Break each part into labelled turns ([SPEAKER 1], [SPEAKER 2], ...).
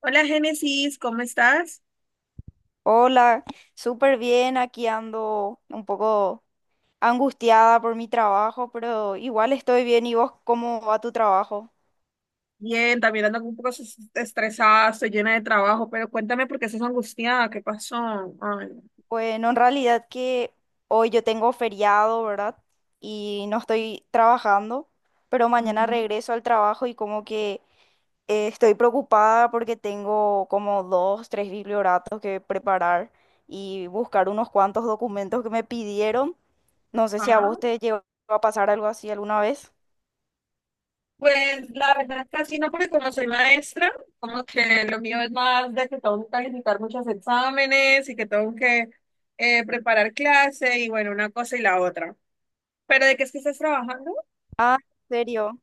[SPEAKER 1] Hola Génesis, ¿cómo estás?
[SPEAKER 2] Hola, súper bien, aquí ando un poco angustiada por mi trabajo, pero igual estoy bien. ¿Y vos cómo va tu trabajo?
[SPEAKER 1] Bien, también ando un poco estresada, estoy llena de trabajo, pero cuéntame por qué estás angustiada, ¿qué pasó? Ay,
[SPEAKER 2] Bueno, en realidad que hoy yo tengo feriado, ¿verdad? Y no estoy trabajando, pero mañana
[SPEAKER 1] ujú.
[SPEAKER 2] regreso al trabajo y como que estoy preocupada porque tengo como dos, tres biblioratos que preparar y buscar unos cuantos documentos que me pidieron. No sé si a
[SPEAKER 1] Ah,
[SPEAKER 2] vos te llegó a pasar algo así alguna vez.
[SPEAKER 1] pues la verdad es que así no, porque como soy maestra, como que lo mío es más de que tengo que calificar muchos exámenes y que tengo que preparar clase y bueno, una cosa y la otra. ¿Pero de qué es que estás trabajando?
[SPEAKER 2] Ah, ¿en serio?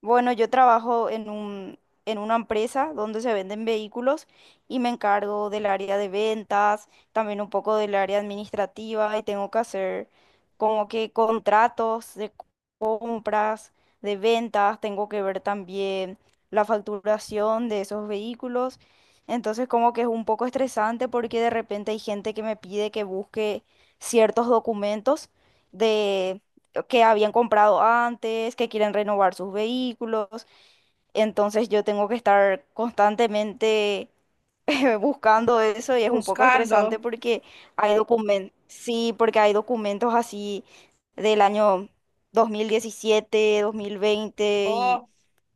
[SPEAKER 2] Bueno, yo trabajo en en una empresa donde se venden vehículos y me encargo del área de ventas, también un poco del área administrativa y tengo que hacer como que contratos de compras, de ventas, tengo que ver también la facturación de esos vehículos. Entonces como que es un poco estresante porque de repente hay gente que me pide que busque ciertos documentos de que habían comprado antes, que quieren renovar sus vehículos. Entonces yo tengo que estar constantemente buscando eso y es un poco
[SPEAKER 1] Buscando.
[SPEAKER 2] estresante porque hay documentos, sí, porque hay documentos así del año 2017, 2020 y
[SPEAKER 1] Oh,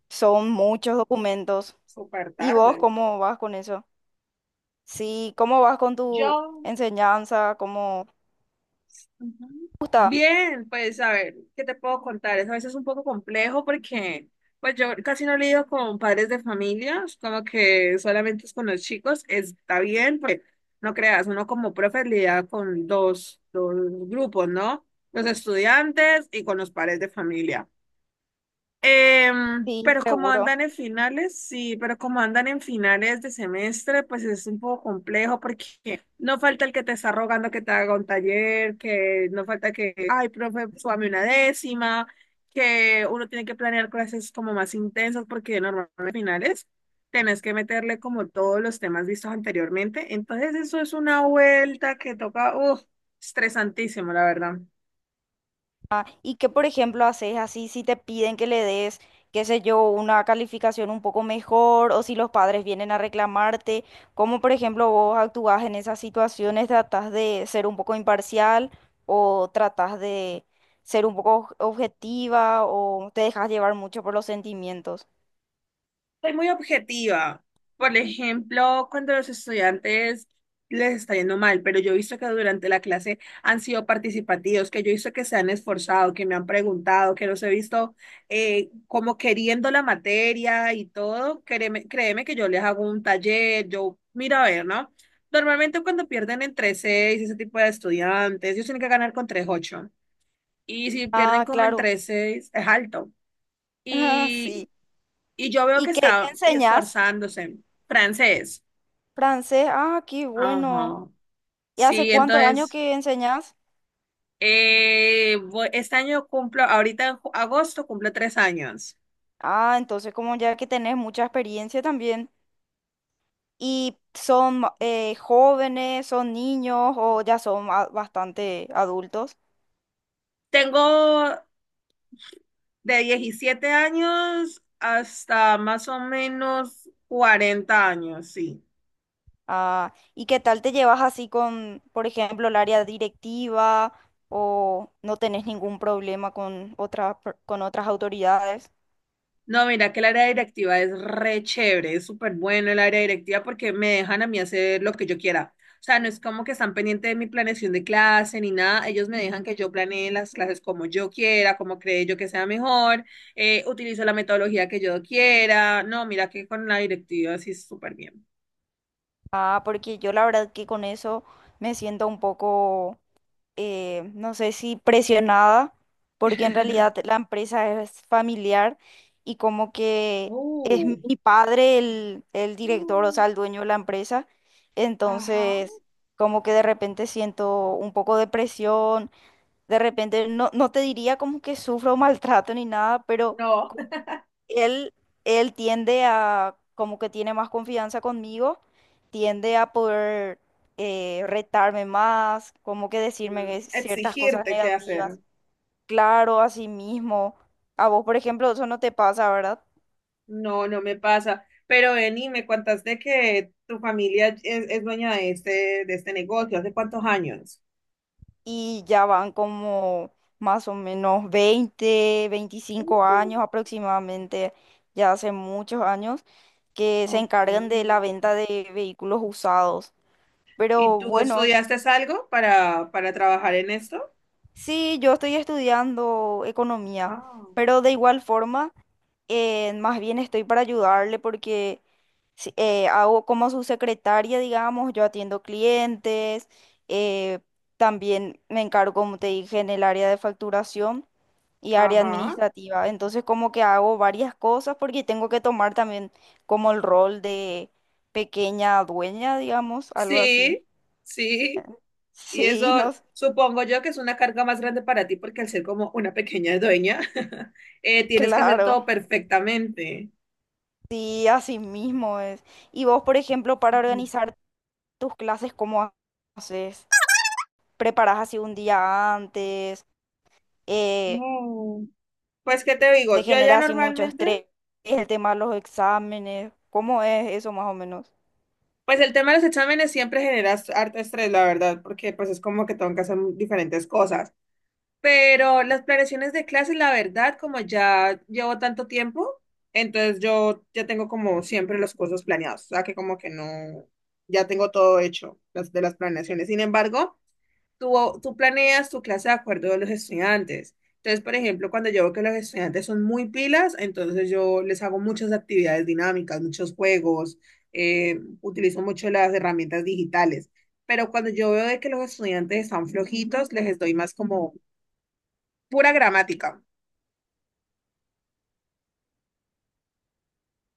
[SPEAKER 2] son muchos documentos.
[SPEAKER 1] súper
[SPEAKER 2] ¿Y vos
[SPEAKER 1] tarde.
[SPEAKER 2] cómo vas con eso? Sí, ¿cómo vas con tu
[SPEAKER 1] Yo.
[SPEAKER 2] enseñanza? ¿Cómo
[SPEAKER 1] Ujú.
[SPEAKER 2] te gusta?
[SPEAKER 1] Bien, pues a ver, ¿qué te puedo contar? Es a veces un poco complejo porque pues yo casi no lidio con padres de familia, es como que solamente es con los chicos, está bien, pues no creas, uno como profe lidia con dos grupos, ¿no? Los estudiantes y con los padres de familia. Em,
[SPEAKER 2] Sí,
[SPEAKER 1] pero como
[SPEAKER 2] seguro.
[SPEAKER 1] andan en finales, Sí, pero como andan en finales de semestre, pues es un poco complejo porque no falta el que te está rogando que te haga un taller, que no falta que, ay, profe, súbame una décima, que uno tiene que planear clases como más intensas porque normalmente en finales tenés que meterle como todos los temas vistos anteriormente. Entonces eso es una vuelta que toca, estresantísimo, la verdad.
[SPEAKER 2] Ah, ¿y qué, por ejemplo, haces así si te piden que le des, qué sé yo, una calificación un poco mejor o si los padres vienen a reclamarte? ¿Cómo, por ejemplo, vos actúas en esas situaciones? ¿Tratás de ser un poco imparcial o tratás de ser un poco objetiva o te dejas llevar mucho por los sentimientos?
[SPEAKER 1] Soy muy objetiva. Por ejemplo, cuando los estudiantes les está yendo mal, pero yo he visto que durante la clase han sido participativos, que yo he visto que se han esforzado, que me han preguntado, que los he visto como queriendo la materia y todo. Créeme, créeme que yo les hago un taller, yo miro a ver, ¿no? Normalmente cuando pierden entre 6, ese tipo de estudiantes, ellos tienen que ganar con 3.8. Y si pierden
[SPEAKER 2] Ah,
[SPEAKER 1] como en
[SPEAKER 2] claro.
[SPEAKER 1] 3 es alto.
[SPEAKER 2] Ah, sí.
[SPEAKER 1] Y y yo veo
[SPEAKER 2] ¿Y
[SPEAKER 1] que
[SPEAKER 2] qué, qué
[SPEAKER 1] está
[SPEAKER 2] enseñás?
[SPEAKER 1] esforzándose. Francés.
[SPEAKER 2] Francés. Ah, qué bueno.
[SPEAKER 1] Ajá.
[SPEAKER 2] ¿Y hace
[SPEAKER 1] Sí,
[SPEAKER 2] cuántos años
[SPEAKER 1] entonces,
[SPEAKER 2] que enseñás?
[SPEAKER 1] este año cumplo, ahorita en agosto cumplo 3 años.
[SPEAKER 2] Ah, entonces como ya que tenés mucha experiencia también y son jóvenes, son niños o ya son bastante adultos.
[SPEAKER 1] Tengo de 17 años hasta más o menos 40 años, sí.
[SPEAKER 2] Ah, ¿y qué tal te llevas así con, por ejemplo, el área directiva o no tenés ningún problema con otras con otras autoridades?
[SPEAKER 1] No, mira que el área directiva es re chévere, es súper bueno el área directiva porque me dejan a mí hacer lo que yo quiera. O sea, no es como que están pendientes de mi planeación de clase ni nada, ellos me dejan que yo planee las clases como yo quiera, como cree yo que sea mejor, utilizo la metodología que yo quiera. No, mira que con la directiva sí es súper bien.
[SPEAKER 2] Ah, porque yo la verdad que con eso me siento un poco no sé si presionada, porque en realidad la empresa es familiar y como que es
[SPEAKER 1] Uh.
[SPEAKER 2] mi padre el director, o
[SPEAKER 1] Mm.
[SPEAKER 2] sea, el dueño de la empresa.
[SPEAKER 1] Ajá.
[SPEAKER 2] Entonces, como que de repente siento un poco de presión, de repente no te diría como que sufro maltrato ni nada, pero...
[SPEAKER 1] No.
[SPEAKER 2] Él, él tiende a, como que tiene más confianza conmigo, tiende a poder retarme más, como que decirme ciertas cosas
[SPEAKER 1] Exigirte qué hacer.
[SPEAKER 2] negativas. Claro, a sí mismo. A vos, por ejemplo, eso no te pasa, ¿verdad?
[SPEAKER 1] No, no me pasa. Pero Beni, me contaste que tu familia es dueña de este negocio. ¿Hace cuántos años?
[SPEAKER 2] Y ya van como más o menos 20 veinticinco
[SPEAKER 1] Uh.
[SPEAKER 2] años aproximadamente, ya hace muchos años, que se
[SPEAKER 1] Ok.
[SPEAKER 2] encargan de la venta de vehículos usados.
[SPEAKER 1] ¿Y
[SPEAKER 2] Pero
[SPEAKER 1] tú
[SPEAKER 2] bueno.
[SPEAKER 1] estudiaste algo para trabajar en esto?
[SPEAKER 2] Sí, yo estoy estudiando economía,
[SPEAKER 1] Ah,
[SPEAKER 2] pero de igual forma, más bien estoy para ayudarle porque hago como su secretaria, digamos, yo atiendo clientes, eh, también me encargo, como te dije, en el área de facturación y área
[SPEAKER 1] ajá.
[SPEAKER 2] administrativa. Entonces, como que hago varias cosas porque tengo que tomar también como el rol de pequeña dueña, digamos, algo así.
[SPEAKER 1] Sí, sí. Y eso
[SPEAKER 2] Sí, no,
[SPEAKER 1] supongo yo que es una carga más grande para ti porque al ser como una pequeña dueña, tienes que hacer
[SPEAKER 2] claro.
[SPEAKER 1] todo perfectamente.
[SPEAKER 2] Sí, así mismo es. Y vos, por ejemplo, para
[SPEAKER 1] No.
[SPEAKER 2] organizar tus clases, ¿cómo haces? ¿Preparás así un día antes? Eh,
[SPEAKER 1] No. Pues, ¿qué te digo?
[SPEAKER 2] ¿Te
[SPEAKER 1] Yo ya
[SPEAKER 2] genera así mucho
[SPEAKER 1] normalmente.
[SPEAKER 2] estrés el tema de los exámenes? ¿Cómo es eso más o menos?
[SPEAKER 1] Pues el tema de los exámenes siempre genera harto estrés, la verdad, porque pues es como que tengo que hacer diferentes cosas. Pero las planeaciones de clases, la verdad, como ya llevo tanto tiempo, entonces yo ya tengo como siempre los cursos planeados, o sea que como que no, ya tengo todo hecho las, de las planeaciones. Sin embargo, tú, tú planeas tu clase de acuerdo a los estudiantes. Entonces, por ejemplo, cuando yo veo que los estudiantes son muy pilas, entonces yo les hago muchas actividades dinámicas, muchos juegos, utilizo mucho las herramientas digitales. Pero cuando yo veo de que los estudiantes están flojitos, les doy más como pura gramática.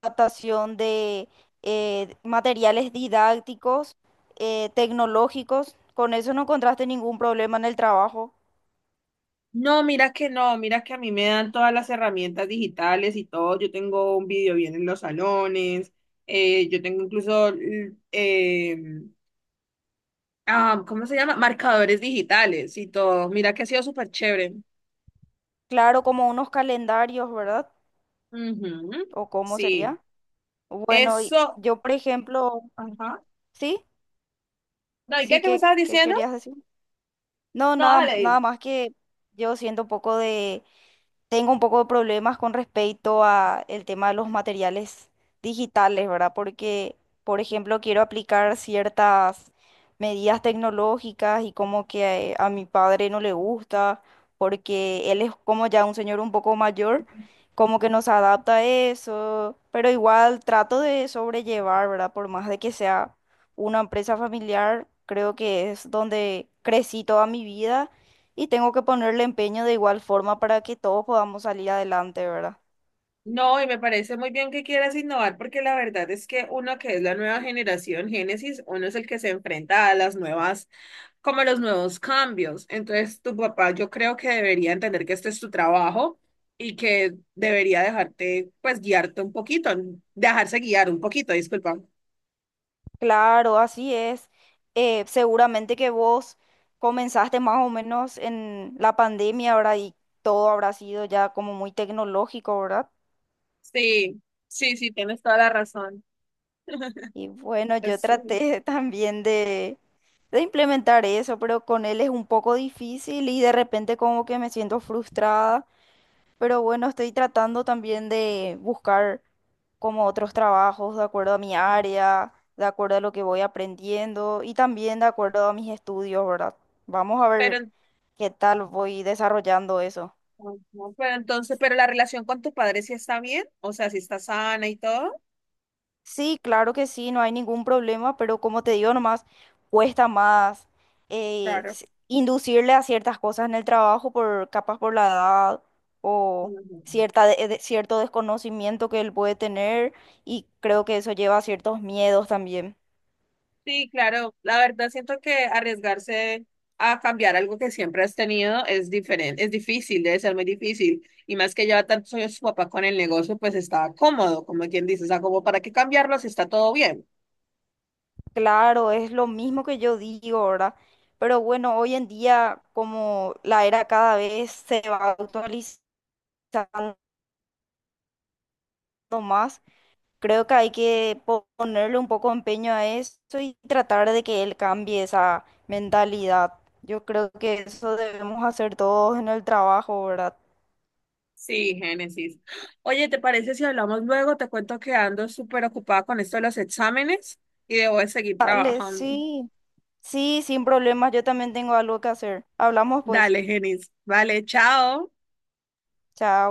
[SPEAKER 2] Adaptación de materiales didácticos, tecnológicos. Con eso no encontraste ningún problema en el trabajo.
[SPEAKER 1] No, mira que no, mira que a mí me dan todas las herramientas digitales y todo. Yo tengo un video bien en los salones, yo tengo incluso eh, ¿cómo se llama? Marcadores digitales y todo. Mira que ha sido súper chévere.
[SPEAKER 2] Claro, como unos calendarios, ¿verdad?
[SPEAKER 1] Ujú.
[SPEAKER 2] ¿O cómo
[SPEAKER 1] Sí,
[SPEAKER 2] sería? Bueno, y
[SPEAKER 1] eso.
[SPEAKER 2] yo, por ejemplo,
[SPEAKER 1] Ajá.
[SPEAKER 2] ¿sí?
[SPEAKER 1] No, ¿y qué,
[SPEAKER 2] Sí,
[SPEAKER 1] qué me
[SPEAKER 2] ¿qué,
[SPEAKER 1] estabas
[SPEAKER 2] qué
[SPEAKER 1] diciendo?
[SPEAKER 2] querías decir? No,
[SPEAKER 1] No,
[SPEAKER 2] nada,
[SPEAKER 1] dale,
[SPEAKER 2] nada
[SPEAKER 1] dime.
[SPEAKER 2] más que yo siento un poco tengo un poco de problemas con respecto a el tema de los materiales digitales, ¿verdad? Porque, por ejemplo, quiero aplicar ciertas medidas tecnológicas y como que a mi padre no le gusta, porque él es como ya un señor un poco mayor, como que nos adapta a eso, pero igual trato de sobrellevar, ¿verdad? Por más de que sea una empresa familiar, creo que es donde crecí toda mi vida y tengo que ponerle empeño de igual forma para que todos podamos salir adelante, ¿verdad?
[SPEAKER 1] No, y me parece muy bien que quieras innovar porque la verdad es que uno que es la nueva generación Génesis, uno es el que se enfrenta a las nuevas, como a los nuevos cambios. Entonces, tu papá yo creo que debería entender que este es tu trabajo y que debería dejarte, pues, guiarte un poquito, dejarse guiar un poquito, disculpa.
[SPEAKER 2] Claro, así es. Seguramente que vos comenzaste más o menos en la pandemia, ¿verdad? Y todo habrá sido ya como muy tecnológico, ¿verdad?
[SPEAKER 1] Sí, sí, sí, tienes toda la razón.
[SPEAKER 2] Y bueno, yo
[SPEAKER 1] Es,
[SPEAKER 2] traté también de implementar eso, pero con él es un poco difícil y de repente como que me siento frustrada. Pero bueno, estoy tratando también de buscar como otros trabajos de acuerdo a mi área, de acuerdo a lo que voy aprendiendo y también de acuerdo a mis estudios, ¿verdad? Vamos a
[SPEAKER 1] pero,
[SPEAKER 2] ver
[SPEAKER 1] en-
[SPEAKER 2] qué tal voy desarrollando eso.
[SPEAKER 1] no, no, pero entonces, la relación con tus padres sí está bien, o sea, si está sana y todo.
[SPEAKER 2] Sí, claro que sí, no hay ningún problema, pero como te digo nomás, cuesta más
[SPEAKER 1] Claro.
[SPEAKER 2] inducirle a ciertas cosas en el trabajo por capaz por la edad o
[SPEAKER 1] Ujú.
[SPEAKER 2] cierta cierto desconocimiento que él puede tener y creo que eso lleva a ciertos miedos también.
[SPEAKER 1] Sí, claro, la verdad siento que arriesgarse a cambiar algo que siempre has tenido es diferente, es difícil, debe ser muy difícil. Y más que lleva tantos años su papá con el negocio, pues está cómodo, como quien dice, o sea, como para qué cambiarlo si está todo bien.
[SPEAKER 2] Claro, es lo mismo que yo digo, ¿verdad? Pero bueno, hoy en día como la era cada vez se va actualizando más. Creo que hay que ponerle un poco empeño a eso y tratar de que él cambie esa mentalidad. Yo creo que eso ser todos en el trabajo, ¿verdad?
[SPEAKER 1] Sí, Génesis. Oye, ¿te parece si hablamos luego? Te cuento que ando súper ocupada con esto de los exámenes y debo de seguir
[SPEAKER 2] Dale,
[SPEAKER 1] trabajando.
[SPEAKER 2] sí, sí, sin problemas. Yo también tengo algo que hacer. Hablamos pues.
[SPEAKER 1] Dale, Génesis. Vale, chao.
[SPEAKER 2] Chao.